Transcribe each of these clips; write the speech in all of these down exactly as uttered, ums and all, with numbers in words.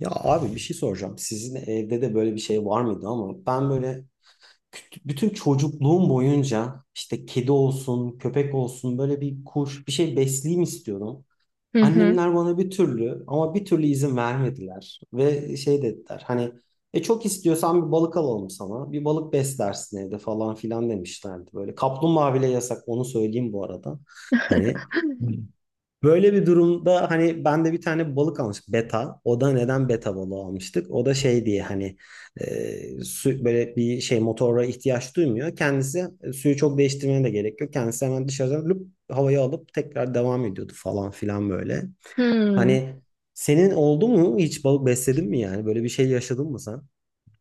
Ya abi bir şey soracağım. Sizin evde de böyle bir şey var mıydı ama ben böyle küt- bütün çocukluğum boyunca işte kedi olsun, köpek olsun böyle bir kuş bir şey besleyeyim istiyordum. Hı hı. Annemler bana bir türlü ama bir türlü izin vermediler ve şey dediler hani e çok istiyorsan bir balık alalım sana. Bir balık beslersin evde falan filan demişlerdi böyle. Kaplumbağa bile yasak onu söyleyeyim bu arada. Hani böyle bir durumda hani ben de bir tane balık almıştım, beta. O da neden beta balığı almıştık? O da şey diye hani e, su, böyle bir şey motora ihtiyaç duymuyor. Kendisi e, suyu çok değiştirmeye de gerek yok. Kendisi hemen dışarıdan lüp havaya alıp tekrar devam ediyordu falan filan böyle. Hmm. Hani senin oldu mu, hiç balık besledin mi yani? Böyle bir şey yaşadın mı sen?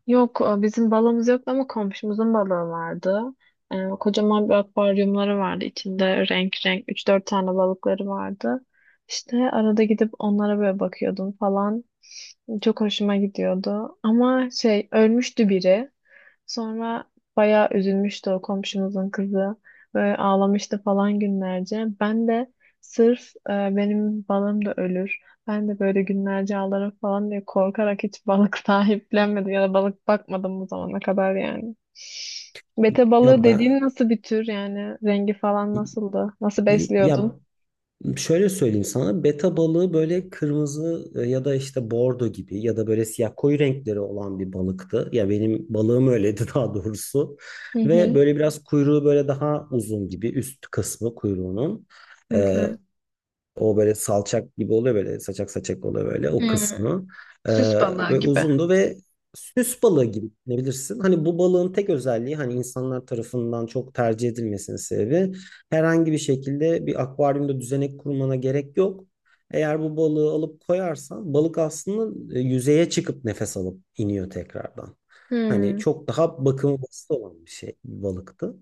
Yok e, bizim balığımız yoktu ama komşumuzun balığı vardı. E, kocaman bir akvaryumları vardı. İçinde renk renk üç dört tane balıkları vardı. İşte arada gidip onlara böyle bakıyordum falan. Çok hoşuma gidiyordu. Ama şey ölmüştü biri. Sonra bayağı üzülmüştü o komşumuzun kızı. Böyle ağlamıştı falan günlerce. Ben de sırf e, benim balım da ölür. Ben de böyle günlerce ağlarım falan diye korkarak hiç balık sahiplenmedim ya da balık bakmadım bu zamana kadar yani. Bete Ya balığı ben, dediğin nasıl bir tür yani rengi falan nasıldı? Nasıl besliyordun? ya şöyle söyleyeyim sana, beta balığı böyle kırmızı e, ya da işte bordo gibi ya da böyle siyah koyu renkleri olan bir balıktı. Ya benim balığım öyleydi daha doğrusu. Hı Ve hı. böyle biraz kuyruğu böyle daha uzun gibi üst kısmı kuyruğunun. Hı E, hı. O böyle salçak gibi oluyor, böyle saçak saçak oluyor böyle o Hmm. kısmı. Ee, Süs balığı Ve gibi. uzundu ve süs balığı gibi düşünebilirsin. Hani bu balığın tek özelliği, hani insanlar tarafından çok tercih edilmesinin sebebi, herhangi bir şekilde bir akvaryumda düzenek kurmana gerek yok. Eğer bu balığı alıp koyarsan balık aslında e, yüzeye çıkıp nefes alıp iniyor tekrardan. Hani Hı. çok daha bakımı basit olan bir şey, bir balıktı.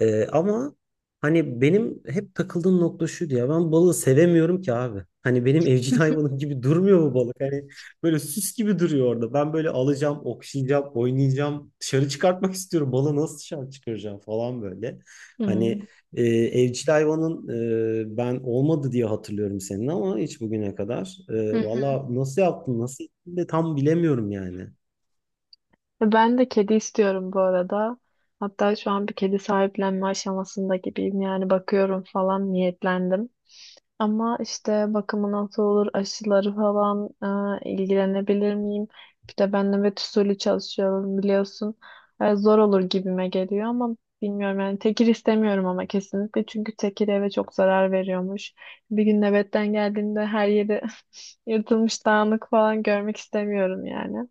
Ee, ama hani benim hep takıldığım nokta şuydu: ya ben balığı sevemiyorum ki abi. Hani benim evcil hayvanım gibi durmuyor bu balık. Hani böyle süs gibi duruyor orada. Ben böyle alacağım, okşayacağım, oynayacağım. Dışarı çıkartmak istiyorum. Balığı nasıl dışarı çıkaracağım falan böyle. Hı. Hani e, evcil hayvanın e, ben olmadı diye hatırlıyorum senin ama hiç bugüne kadar. E, Hı hı. valla nasıl yaptın, nasıl ettin de tam bilemiyorum yani. Ben de kedi istiyorum bu arada. Hatta şu an bir kedi sahiplenme aşamasında gibiyim. Yani bakıyorum falan niyetlendim. Ama işte bakımı nasıl olur, aşıları falan e, ilgilenebilir miyim? Bir de ben nöbet usulü çalışıyorum biliyorsun. E, zor olur gibime geliyor ama bilmiyorum yani tekir istemiyorum ama kesinlikle çünkü tekir eve çok zarar veriyormuş. Bir gün nöbetten geldiğimde her yeri yırtılmış dağınık falan görmek istemiyorum yani.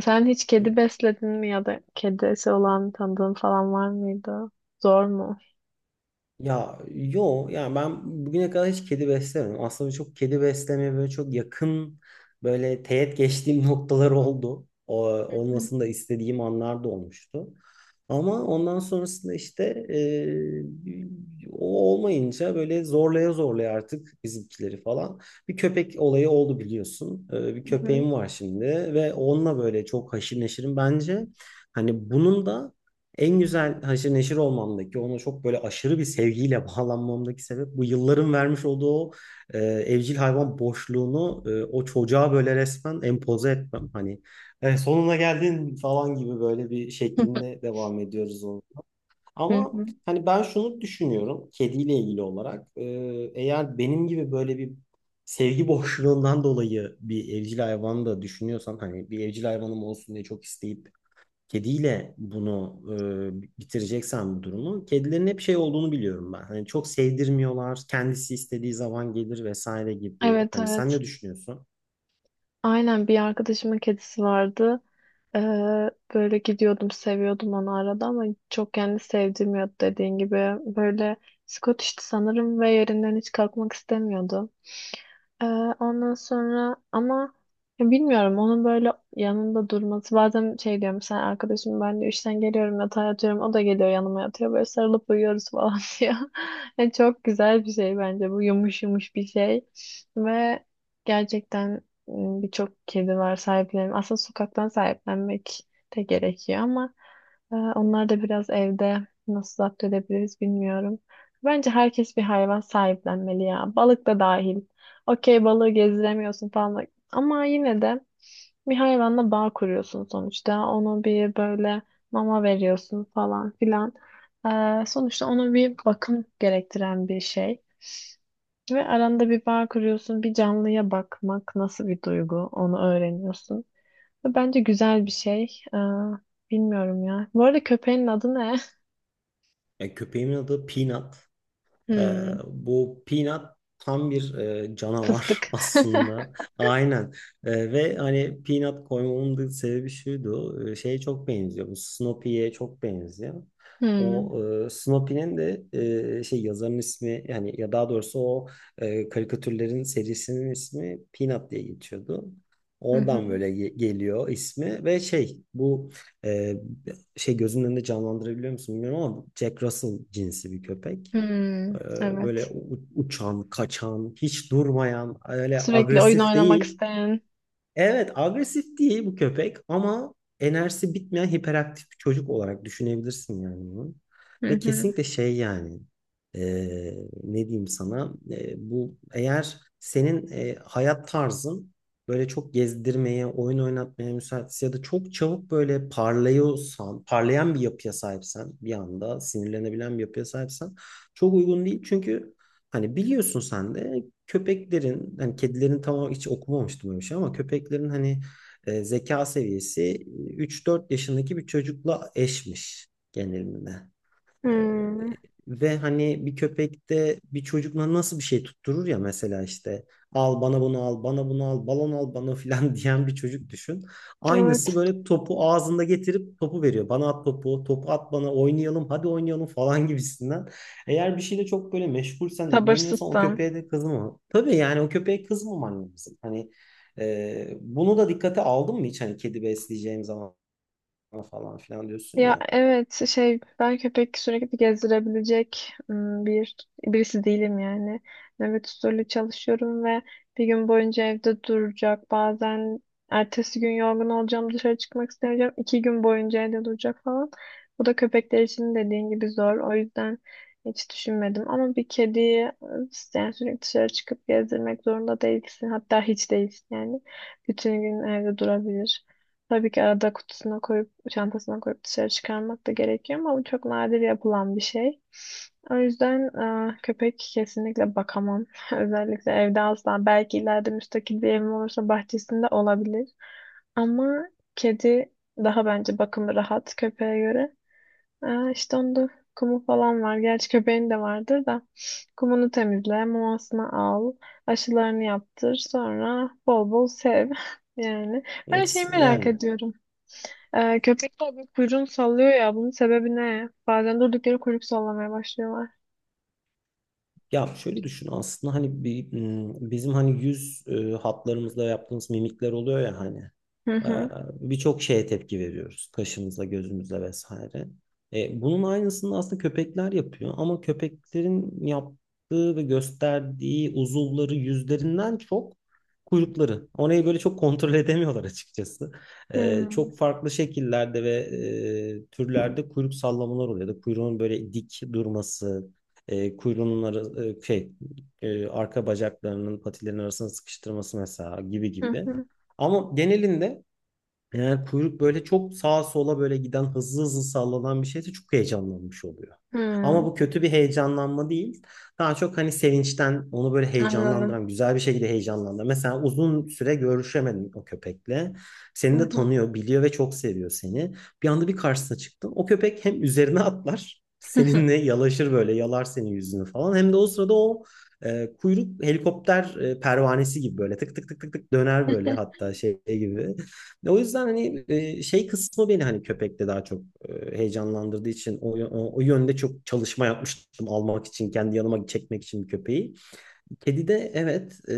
Sen hiç kedi besledin mi ya da kedisi olan tanıdığın falan var mıydı? Zor mu? Ya yo, yani ben bugüne kadar hiç kedi beslemedim. Aslında çok kedi beslemeye böyle çok yakın, böyle teğet geçtiğim noktalar oldu. O, Hı hı. olmasını da istediğim anlar da olmuştu. Ama ondan sonrasında işte e, o olmayınca böyle zorlaya zorlaya artık bizimkileri falan. Bir köpek olayı oldu, biliyorsun. E, bir Hı hı. Hı köpeğim var şimdi ve onunla böyle çok haşır neşirim. Bence hani bunun da en güzel haşır neşir olmamdaki, ona çok böyle aşırı bir sevgiyle bağlanmamdaki sebep, bu yılların vermiş olduğu o e, evcil hayvan boşluğunu e, o çocuğa böyle resmen empoze etmem. Hani "E, sonuna geldin" falan gibi böyle bir şeklinde devam ediyoruz onu. hı. Ama hani ben şunu düşünüyorum kediyle ilgili olarak. E, eğer benim gibi böyle bir sevgi boşluğundan dolayı bir evcil hayvan da düşünüyorsan, hani bir evcil hayvanım olsun diye çok isteyip kediyle bunu e, bitireceksen bu durumu, kedilerin hep şey olduğunu biliyorum ben. Hani çok sevdirmiyorlar. Kendisi istediği zaman gelir vesaire gibi. Evet Hani sen evet. ne düşünüyorsun? Aynen bir arkadaşımın kedisi vardı. Ee, böyle gidiyordum, seviyordum onu arada ama çok kendi sevdirmiyordu dediğin gibi. Böyle Scottish'ti sanırım ve yerinden hiç kalkmak istemiyordu. Ee, ondan sonra ama ya bilmiyorum onun böyle yanında durması bazen şey diyorum sen arkadaşım ben de işten geliyorum yatağa yatıyorum o da geliyor yanıma yatıyor böyle sarılıp uyuyoruz falan diyor. Yani çok güzel bir şey bence bu yumuş yumuş bir şey ve gerçekten m, birçok kedi var sahiplenin aslında sokaktan sahiplenmek de gerekiyor ama e, onlar da biraz evde nasıl zapt edebiliriz bilmiyorum. Bence herkes bir hayvan sahiplenmeli ya balık da dahil. Okey balığı gezdiremiyorsun falan. da- Ama yine de bir hayvanla bağ kuruyorsun sonuçta. Onu bir böyle mama veriyorsun falan filan. Ee, sonuçta ona bir bakım gerektiren bir şey. Ve aranda bir bağ kuruyorsun. Bir canlıya bakmak nasıl bir duygu onu öğreniyorsun. Ve bence güzel bir şey. Ee, bilmiyorum ya. Bu arada köpeğin adı ne? Ya köpeğimin adı Peanut. Ee, Hmm, Bu Peanut tam bir e, canavar fıstık. aslında. Aynen. Ee, ve hani Peanut koymamın da sebebi şuydu, e, şeye çok benziyor. Bu Snoopy'ye çok benziyor. Hmm. O e, Snoopy'nin de e, şey, yazarın ismi yani, ya daha doğrusu o e, karikatürlerin serisinin ismi Peanut diye geçiyordu. Hı Oradan hı. böyle ge- geliyor ismi. Ve şey, bu e, şey, gözünün önünde canlandırabiliyor musun bilmiyorum ama Jack Russell cinsi bir köpek. Ee, Hmm. Böyle Evet. u- uçan, kaçan, hiç durmayan, öyle Sürekli oyun agresif oynamak değil. isteyen. Evet, agresif değil bu köpek ama enerjisi bitmeyen hiperaktif bir çocuk olarak düşünebilirsin yani bunu. Hı Ve hı. kesinlikle şey yani, e, ne diyeyim sana, e, bu eğer senin e, hayat tarzın böyle çok gezdirmeye, oyun oynatmaya müsaitse ya da çok çabuk böyle parlıyorsan, parlayan bir yapıya sahipsen, bir anda sinirlenebilen bir yapıya sahipsen çok uygun değil. Çünkü hani biliyorsun sen de köpeklerin, hani kedilerin tam hiç okumamıştım öyle bir şey, ama köpeklerin hani e, zeka seviyesi e, üç dört yaşındaki bir çocukla eşmiş genelinde. Ee, Hmm, Ve hani bir köpekte bir çocukla nasıl bir şey tutturur ya, mesela işte "al bana bunu, al bana bunu, al balon, al bana" filan diyen bir çocuk düşün. Aynısı evet. böyle topu ağzında getirip topu veriyor. "Bana at topu, topu at bana, oynayalım, hadi oynayalım" falan gibisinden. Eğer bir şeyle çok böyle meşgulsen, ilgileniyorsan, o Sabırsızsam. köpeğe de kızma. Tabii yani o köpeğe kızmaman lazım. Hani e, bunu da dikkate aldın mı hiç hani, "kedi besleyeceğim zaman" falan filan diyorsun Ya ya. evet şey ben köpek sürekli gezdirebilecek ım, bir birisi değilim yani. Nöbet usulü çalışıyorum ve bir gün boyunca evde duracak. Bazen ertesi gün yorgun olacağım dışarı çıkmak istemeyeceğim. İki gün boyunca evde duracak falan. Bu da köpekler için dediğin gibi zor. O yüzden hiç düşünmedim. Ama bir kediyi ıı, yani sürekli dışarı çıkıp gezdirmek zorunda değilsin. Hatta hiç değilsin yani. Bütün gün evde durabilir. Tabii ki arada kutusuna koyup, çantasına koyup dışarı çıkarmak da gerekiyor ama bu çok nadir yapılan bir şey. O yüzden e, köpek kesinlikle bakamam. Özellikle evde asla. Belki ileride müstakil bir evim olursa bahçesinde olabilir. Ama kedi daha bence bakımı rahat köpeğe göre. E, işte onda kumu falan var. Gerçi köpeğin de vardır da. Kumunu temizle, mamasını al, aşılarını yaptır. Sonra bol bol sev. Yani. Ben Evet, şeyi merak yani. ediyorum. Ee, köpekler bir kuyruğunu sallıyor ya. Bunun sebebi ne? Bazen durdukları kuyruk sallamaya başlıyorlar. Ya şöyle düşün, aslında hani bi- m, bizim hani yüz e, hatlarımızda yaptığımız mimikler oluyor ya, hani Hı e, hı. birçok şeye tepki veriyoruz kaşımızla, gözümüzle vesaire. E, bunun aynısını aslında köpekler yapıyor ama köpeklerin yaptığı ve gösterdiği uzuvları yüzlerinden çok kuyrukları. Orayı böyle çok kontrol edemiyorlar açıkçası. E, Hmm. çok farklı şekillerde ve e, türlerde kuyruk sallamalar oluyor ya da kuyruğun böyle dik durması, e, kuyruğunun ara, e, şey e, arka bacaklarının, patilerin arasına sıkıştırması mesela, gibi Hı gibi. hı. Ama genelinde eğer kuyruk böyle çok sağa sola böyle giden, hızlı hızlı sallanan bir şeyse çok heyecanlanmış oluyor. Ama bu Hmm. kötü bir heyecanlanma değil. Daha çok hani sevinçten onu böyle Anladım. heyecanlandıran, güzel bir şekilde heyecanlandıran. Mesela uzun süre görüşemedin o köpekle. Seni de tanıyor, biliyor ve çok seviyor seni. Bir anda bir karşısına çıktın. O köpek hem üzerine atlar, Hı hı. seninle yalaşır böyle, yalar senin yüzünü falan. Hem de o sırada o e, kuyruk helikopter e, pervanesi gibi böyle tık tık tık tık tık döner böyle, hatta şey gibi. O yüzden hani e, şey kısmı beni hani köpekte daha çok e, heyecanlandırdığı için o, yö- o, o yönde çok çalışma yapmıştım, almak için, kendi yanıma çekmek için bir köpeği. Kedide evet e,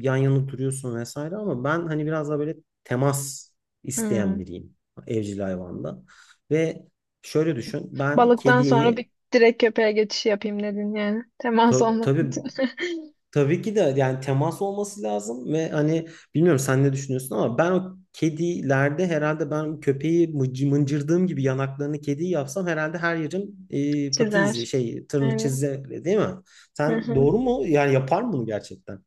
yan yana duruyorsun vesaire ama ben hani biraz daha böyle temas isteyen Hmm. biriyim evcil hayvanda. Ve şöyle düşün, ben Balıktan sonra kediyi bir direkt köpeğe geçiş yapayım dedin yani. Temas ta- olması tabii, için. tabii ki de, yani temas olması lazım ve hani bilmiyorum sen ne düşünüyorsun ama ben o kedilerde herhalde, ben köpeği mıcı- mıncırdığım gibi yanaklarını kediyi yapsam herhalde her yerim e, pati izi, Çizer. şey, tırnı Yani. çizgi, değil mi? Hı Sen, hı. doğru mu? Yani yapar mı bunu gerçekten?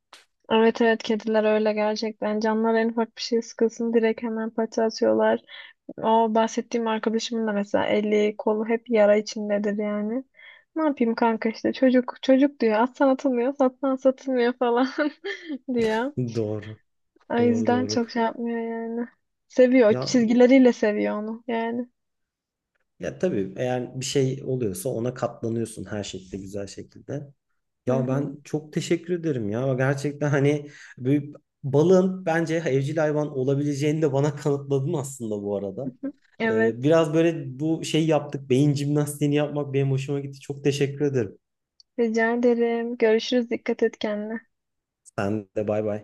Evet evet kediler öyle gerçekten. Canlar en ufak bir şey sıkılsın direkt hemen paça atıyorlar. O bahsettiğim arkadaşımın da mesela eli kolu hep yara içindedir yani. Ne yapayım kanka işte çocuk çocuk diyor. Atsan atılmıyor, satsan satılmıyor falan diyor. Doğru. O Doğru yüzden doğru. çok şey yapmıyor yani. Seviyor. O Ya, çizgileriyle seviyor onu yani. ya tabii, eğer bir şey oluyorsa ona katlanıyorsun her şekilde, güzel şekilde. Hı Ya ben hı. çok teşekkür ederim ya. Gerçekten hani bir balığın bence evcil hayvan olabileceğini de bana kanıtladın aslında bu Hı arada. hı. Ee, Evet. Biraz böyle bu şey yaptık. Beyin jimnastiğini yapmak benim hoşuma gitti. Çok teşekkür ederim. Rica ederim. Görüşürüz. Dikkat et kendine. Sen de bay bay.